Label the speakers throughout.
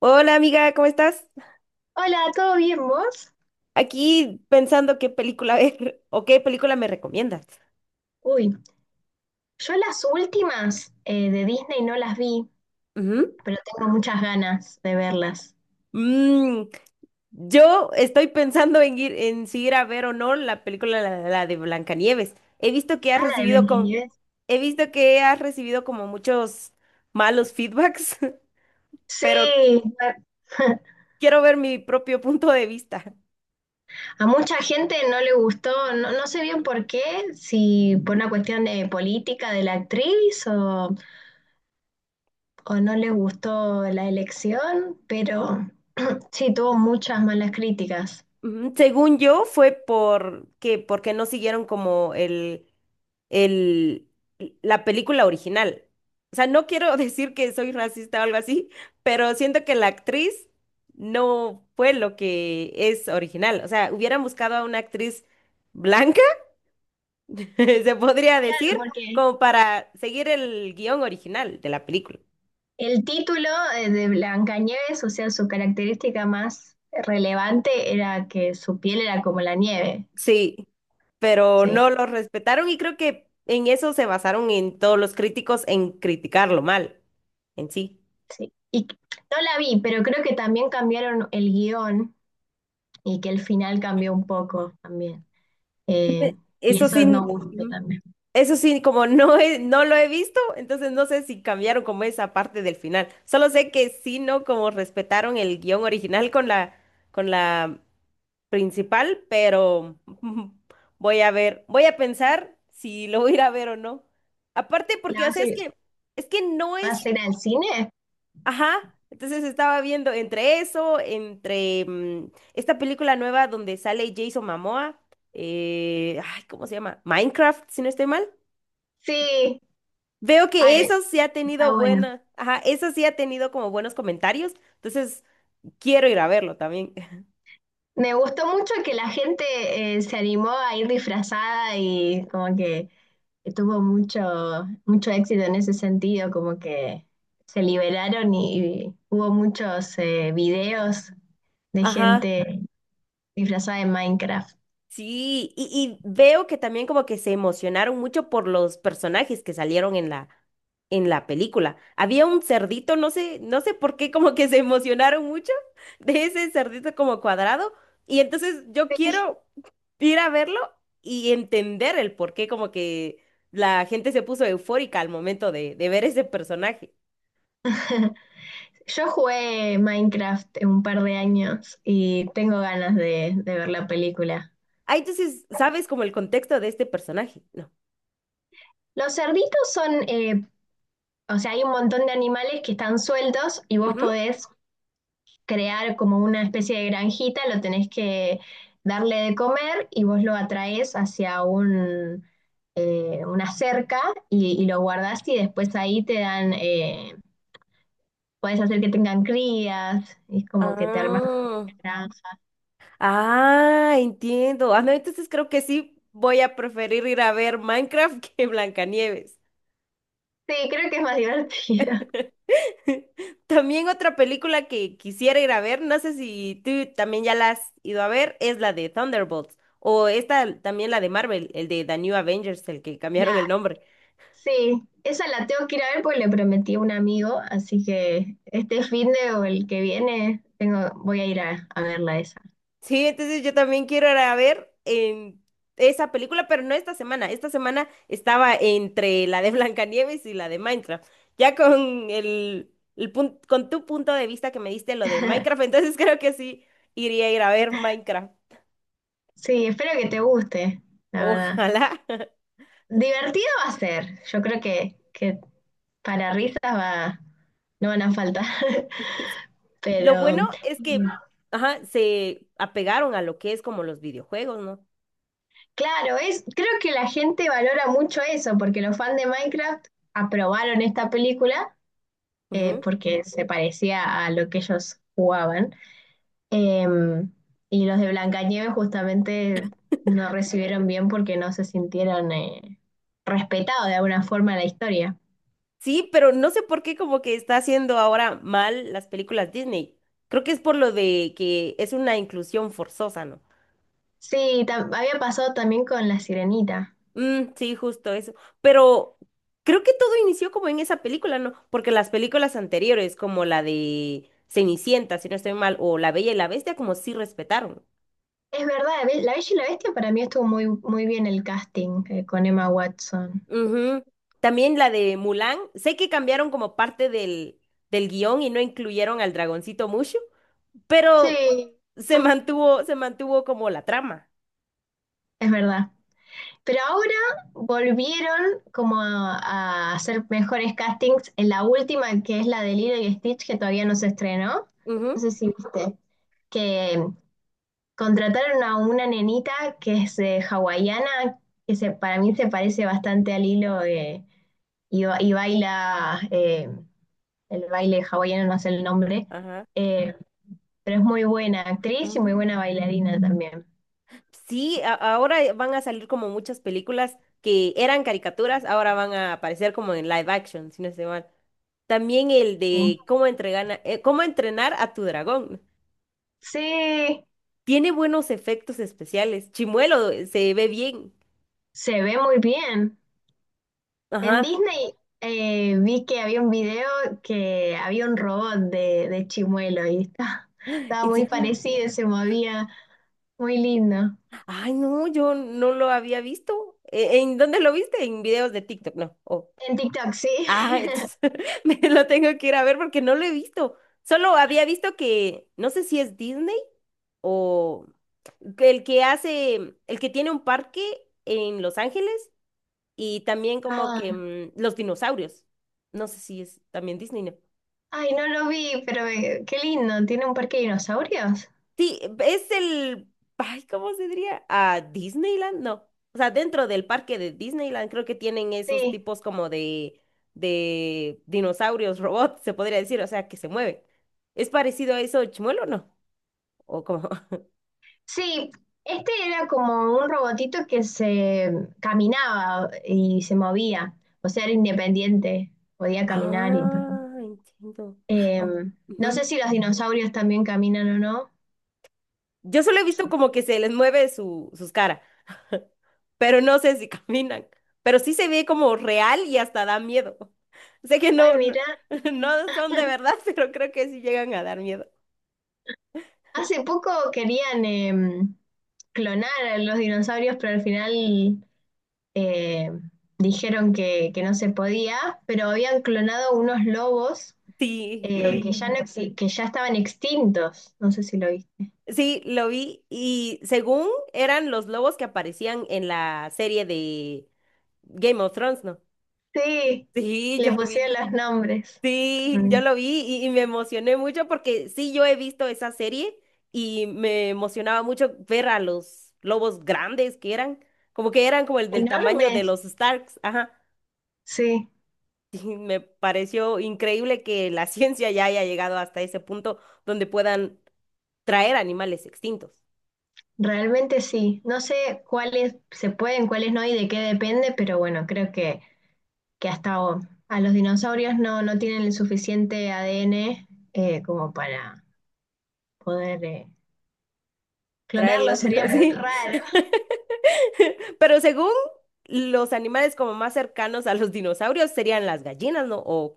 Speaker 1: Hola amiga, ¿cómo estás?
Speaker 2: Hola, ¿todo bien vos?
Speaker 1: Aquí pensando qué película ver o qué película me recomiendas.
Speaker 2: Uy, yo las últimas de Disney no las vi,
Speaker 1: Ujú.
Speaker 2: pero tengo muchas ganas de verlas.
Speaker 1: Mm, yo estoy pensando en si ir a ver o no la película la de Blancanieves. He visto que has
Speaker 2: Ah, la de
Speaker 1: recibido como,
Speaker 2: Blancanieves.
Speaker 1: he visto que has recibido como muchos malos feedbacks,
Speaker 2: Sí,
Speaker 1: pero
Speaker 2: a,
Speaker 1: quiero ver mi propio punto de vista.
Speaker 2: a mucha gente no le gustó, no, no sé bien por qué, si por una cuestión de política de la actriz o no le gustó la elección, pero sí tuvo muchas malas críticas.
Speaker 1: Ujú, según yo, fue porque no siguieron como el, la película original. O sea, no quiero decir que soy racista o algo así, pero siento que la actriz no fue lo que es original. O sea, hubieran buscado a una actriz blanca, se podría
Speaker 2: Claro,
Speaker 1: decir,
Speaker 2: porque
Speaker 1: como para seguir el guión original de la película.
Speaker 2: el título de Blancanieves, o sea, su característica más relevante era que su piel era como la nieve.
Speaker 1: Sí, pero
Speaker 2: Sí,
Speaker 1: no lo respetaron y creo que en eso se basaron en todos los críticos en criticarlo mal en sí.
Speaker 2: sí. Y no la vi, pero creo que también cambiaron el guión y que el final cambió un poco también. Eh, y
Speaker 1: Eso
Speaker 2: eso nos
Speaker 1: sí.
Speaker 2: gusta
Speaker 1: Ujú.
Speaker 2: también.
Speaker 1: Eso sí, como no lo he visto, entonces no sé si cambiaron como esa parte del final. Solo sé que sí, no como respetaron el guión original con la principal, pero voy a ver, voy a pensar si lo voy a ir a ver o no. Aparte
Speaker 2: ¿La
Speaker 1: porque, o sea, es que no
Speaker 2: vas
Speaker 1: es,
Speaker 2: a ir al cine?
Speaker 1: ajá. Entonces estaba viendo entre eso, esta película nueva donde sale Jason Momoa, ay, ¿cómo se llama? Minecraft, si no estoy mal.
Speaker 2: Sí.
Speaker 1: Veo que
Speaker 2: Ay,
Speaker 1: eso sí ha
Speaker 2: está
Speaker 1: tenido
Speaker 2: bueno.
Speaker 1: ajá, eso sí ha tenido como buenos comentarios, entonces quiero ir a verlo también.
Speaker 2: Me gustó mucho que la gente se animó a ir disfrazada y como que tuvo mucho, mucho éxito en ese sentido, como que se liberaron y hubo muchos videos de
Speaker 1: Ajá,
Speaker 2: gente disfrazada de Minecraft.
Speaker 1: sí, y veo que también como que se emocionaron mucho por los personajes que salieron en la película. Había un cerdito, no sé por qué como que se emocionaron mucho de ese cerdito como cuadrado, y entonces yo
Speaker 2: Sí.
Speaker 1: quiero ir a verlo y entender el por qué como que la gente se puso eufórica al momento de ver ese personaje.
Speaker 2: Yo jugué Minecraft en un par de años y tengo ganas de ver la película.
Speaker 1: Ah, entonces, ¿sabes como el contexto de este personaje? No.
Speaker 2: Los cerditos son, o sea, hay un montón de animales que están sueltos y vos
Speaker 1: Ujú.
Speaker 2: podés crear como una especie de granjita, lo tenés que darle de comer y vos lo atraes hacia una cerca y lo guardás y después ahí te dan, puedes hacer que tengan crías, y es como que te armas
Speaker 1: Ah,
Speaker 2: una granja.
Speaker 1: ah, entiendo. Ah, no, entonces creo que sí voy a preferir ir a ver Minecraft que Blancanieves.
Speaker 2: Sí, creo que es más divertido.
Speaker 1: También otra película que quisiera ir a ver, no sé si tú también ya la has ido a ver, es la de Thunderbolts. O esta también la de Marvel, el de The New Avengers, el que cambiaron
Speaker 2: La,
Speaker 1: el nombre.
Speaker 2: sí, esa la tengo que ir a ver porque le prometí a un amigo, así que este fin de o el que viene tengo, voy a ir a verla esa.
Speaker 1: Sí, entonces yo también quiero ir a ver en esa película, pero no esta semana. Esta semana estaba entre la de Blancanieves y la de Minecraft. Ya con con tu punto de vista que me diste lo de Minecraft, entonces creo que sí iría a ir a ver Minecraft.
Speaker 2: Sí, espero que te guste, la verdad.
Speaker 1: Ojalá.
Speaker 2: Divertido va a ser. Yo creo que para risas va, no van a faltar.
Speaker 1: Lo
Speaker 2: Pero
Speaker 1: bueno es que, ajá, se apegaron a lo que es como los videojuegos, ¿no?
Speaker 2: claro, es, creo que la gente valora mucho eso, porque los fans de Minecraft aprobaron esta película
Speaker 1: Ujú.
Speaker 2: porque se parecía a lo que ellos jugaban. Em, y los de Blancanieves justamente no recibieron bien porque no se sintieron respetados de alguna forma en la historia.
Speaker 1: Sí, pero no sé por qué como que está haciendo ahora mal las películas Disney. Creo que es por lo de que es una inclusión forzosa, ¿no?
Speaker 2: Sí, había pasado también con La Sirenita.
Speaker 1: Mm, sí, justo eso. Pero creo que todo inició como en esa película, ¿no? Porque las películas anteriores, como la de Cenicienta, si no estoy mal, o La Bella y la Bestia, como sí respetaron.
Speaker 2: Es verdad, La Bella y la Bestia para mí estuvo muy, muy bien el casting con Emma Watson.
Speaker 1: Ujú. También la de Mulan. Sé que cambiaron como parte del guión y no incluyeron al dragoncito Mushu, pero
Speaker 2: Sí, mm,
Speaker 1: se mantuvo como la trama.
Speaker 2: es verdad. Pero ahora volvieron como a hacer mejores castings en la última, que es la de Lilo y Stitch, que todavía no se estrenó.
Speaker 1: Ujú.
Speaker 2: No sé si viste. Que contrataron a una nenita que es hawaiana, para mí se parece bastante a Lilo y, y baila el baile hawaiano, no sé el nombre.
Speaker 1: Ajá.
Speaker 2: Eh, pero es muy buena actriz y muy buena
Speaker 1: Ah.
Speaker 2: bailarina también.
Speaker 1: Sí, ahora van a salir como muchas películas que eran caricaturas, ahora van a aparecer como en live action, si no estoy mal. También el
Speaker 2: Sí.
Speaker 1: de cómo entrenar a tu dragón.
Speaker 2: Sí,
Speaker 1: Tiene buenos efectos especiales. Chimuelo se ve bien.
Speaker 2: se ve muy bien. En
Speaker 1: Ajá.
Speaker 2: Disney vi que había un video que había un robot de Chimuelo y estaba
Speaker 1: ¿En
Speaker 2: muy
Speaker 1: serio?
Speaker 2: parecido, se movía muy lindo.
Speaker 1: Ay, no, yo no lo había visto. ¿En dónde lo viste? En videos de TikTok, no.
Speaker 2: En TikTok, sí.
Speaker 1: Ah, entonces me lo tengo que ir a ver porque no lo he visto. Solo había visto que, no sé si es Disney o que el que hace, el que tiene un parque en Los Ángeles y también como que
Speaker 2: Ah,
Speaker 1: los dinosaurios. No sé si es también Disney, ¿no?
Speaker 2: ay, no lo vi, pero qué lindo. ¿Tiene un parque de dinosaurios?
Speaker 1: Sí, es el, ay, ¿cómo se diría? ¿A Disneyland? No. O sea, dentro del parque de Disneyland creo que tienen esos
Speaker 2: Sí.
Speaker 1: tipos como de dinosaurios, robots, se podría decir, o sea, que se mueven. ¿Es parecido a eso, Chimuelo o no? O como,
Speaker 2: Sí, este era como un robotito que se caminaba y se movía, o sea, era independiente, podía caminar y todo.
Speaker 1: ah, entiendo.
Speaker 2: Eh,
Speaker 1: Oh,
Speaker 2: no sé
Speaker 1: ujú.
Speaker 2: si los dinosaurios también caminan o no.
Speaker 1: Yo solo he visto como que se les mueve sus caras, pero no sé si caminan. Pero sí se ve como real y hasta da miedo. Sé que
Speaker 2: Ay,
Speaker 1: no, no,
Speaker 2: mira,
Speaker 1: no son de verdad, pero creo que sí llegan a dar miedo.
Speaker 2: hace poco querían clonar a los dinosaurios, pero al final eh, dijeron que no se podía, pero habían clonado unos lobos
Speaker 1: Sí, lo vi.
Speaker 2: que ya no que ya estaban extintos, no sé si lo viste.
Speaker 1: Sí, lo vi. Y según eran los lobos que aparecían en la serie de Game of Thrones, ¿no?
Speaker 2: Sí,
Speaker 1: Sí, yo
Speaker 2: le
Speaker 1: lo vi.
Speaker 2: pusieron los nombres.
Speaker 1: Sí, yo
Speaker 2: Mm.
Speaker 1: lo vi y me emocioné mucho porque sí, yo he visto esa serie y me emocionaba mucho ver a los lobos grandes como que eran como el del tamaño de
Speaker 2: Enormes.
Speaker 1: los Starks, ajá.
Speaker 2: Sí,
Speaker 1: Y me pareció increíble que la ciencia ya haya llegado hasta ese punto donde puedan traer animales extintos,
Speaker 2: realmente sí. No sé cuáles se pueden, cuáles no y de qué depende, pero bueno, creo que hasta a los dinosaurios no, no tienen el suficiente ADN como para poder
Speaker 1: traerlos,
Speaker 2: clonarlos. Sería muy
Speaker 1: sí.
Speaker 2: raro.
Speaker 1: Pero según los animales como más cercanos a los dinosaurios serían las gallinas, ¿no? O,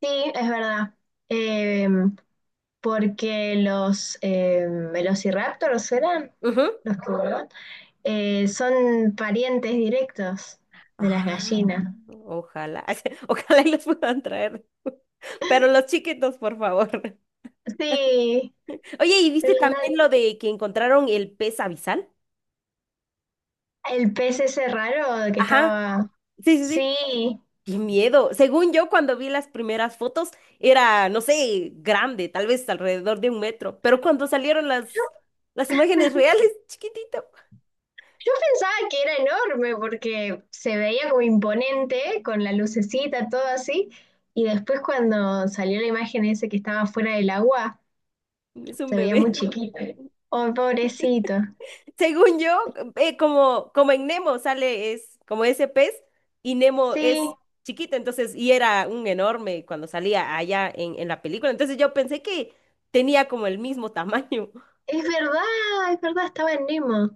Speaker 2: Sí, es verdad. Eh, porque los velociraptors eran los que volaban. Son parientes directos de las
Speaker 1: ah,
Speaker 2: gallinas.
Speaker 1: ojalá, ojalá y los puedan traer. Pero los chiquitos, por favor.
Speaker 2: Sí,
Speaker 1: Oye, ¿y
Speaker 2: el,
Speaker 1: viste también lo de que encontraron el pez abisal?
Speaker 2: el pez ese raro que
Speaker 1: Ajá,
Speaker 2: estaba...
Speaker 1: sí, sí, sí.
Speaker 2: Sí,
Speaker 1: Qué miedo. Según yo, cuando vi las primeras fotos, era, no sé, grande, tal vez alrededor de 1 metro. Pero cuando salieron las imágenes reales, chiquitito,
Speaker 2: yo pensaba que era enorme porque se veía como imponente con la lucecita, todo así. Y después cuando salió la imagen ese que estaba fuera del agua,
Speaker 1: es un
Speaker 2: se veía muy
Speaker 1: bebé.
Speaker 2: chiquito. Oh, pobrecito.
Speaker 1: Según yo, como en Nemo sale, es como ese pez, y Nemo
Speaker 2: Sí,
Speaker 1: es chiquito, entonces, y era un enorme cuando salía allá en la película. Entonces yo pensé que tenía como el mismo tamaño.
Speaker 2: es verdad, es verdad, estaba en Nemo.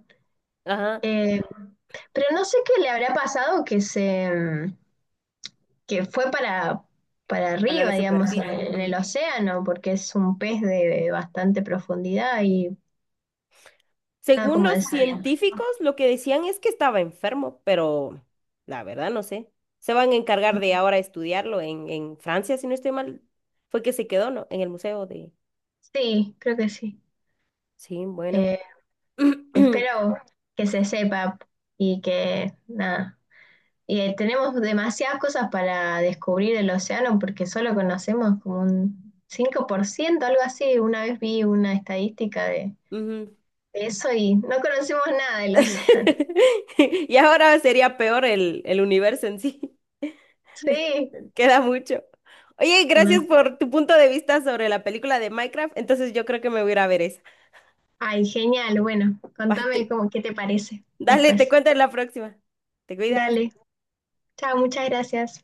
Speaker 1: Ajá,
Speaker 2: Eh, pero no sé qué le habrá pasado que se, mm, que fue para
Speaker 1: a
Speaker 2: arriba,
Speaker 1: la
Speaker 2: digamos,
Speaker 1: superficie.
Speaker 2: en
Speaker 1: Ujú.
Speaker 2: el océano, porque es un pez de bastante profundidad y nada
Speaker 1: Según
Speaker 2: como
Speaker 1: los
Speaker 2: desalienta.
Speaker 1: científicos, lo que decían es que estaba enfermo, pero la verdad no sé. Se van a encargar de ahora estudiarlo en Francia, si no estoy mal. Fue que se quedó, ¿no? En el museo de.
Speaker 2: Sí, creo que sí.
Speaker 1: Sí, bueno.
Speaker 2: Eh, espero que se sepa y que nada. Y tenemos demasiadas cosas para descubrir el océano porque solo conocemos como un 5% algo así. Una vez vi una estadística
Speaker 1: Ujú.
Speaker 2: de eso y no conocemos nada del océano.
Speaker 1: Y ahora sería peor el universo en sí.
Speaker 2: Sí,
Speaker 1: Queda mucho. Oye, gracias
Speaker 2: demasiado.
Speaker 1: por tu punto de vista sobre la película de Minecraft. Entonces yo creo que me voy a ir a ver esa
Speaker 2: Ay, genial. Bueno, contame
Speaker 1: parte.
Speaker 2: cómo, qué te parece
Speaker 1: Dale, te
Speaker 2: después.
Speaker 1: cuento en la próxima. Te cuidas.
Speaker 2: Dale. Chao, muchas gracias.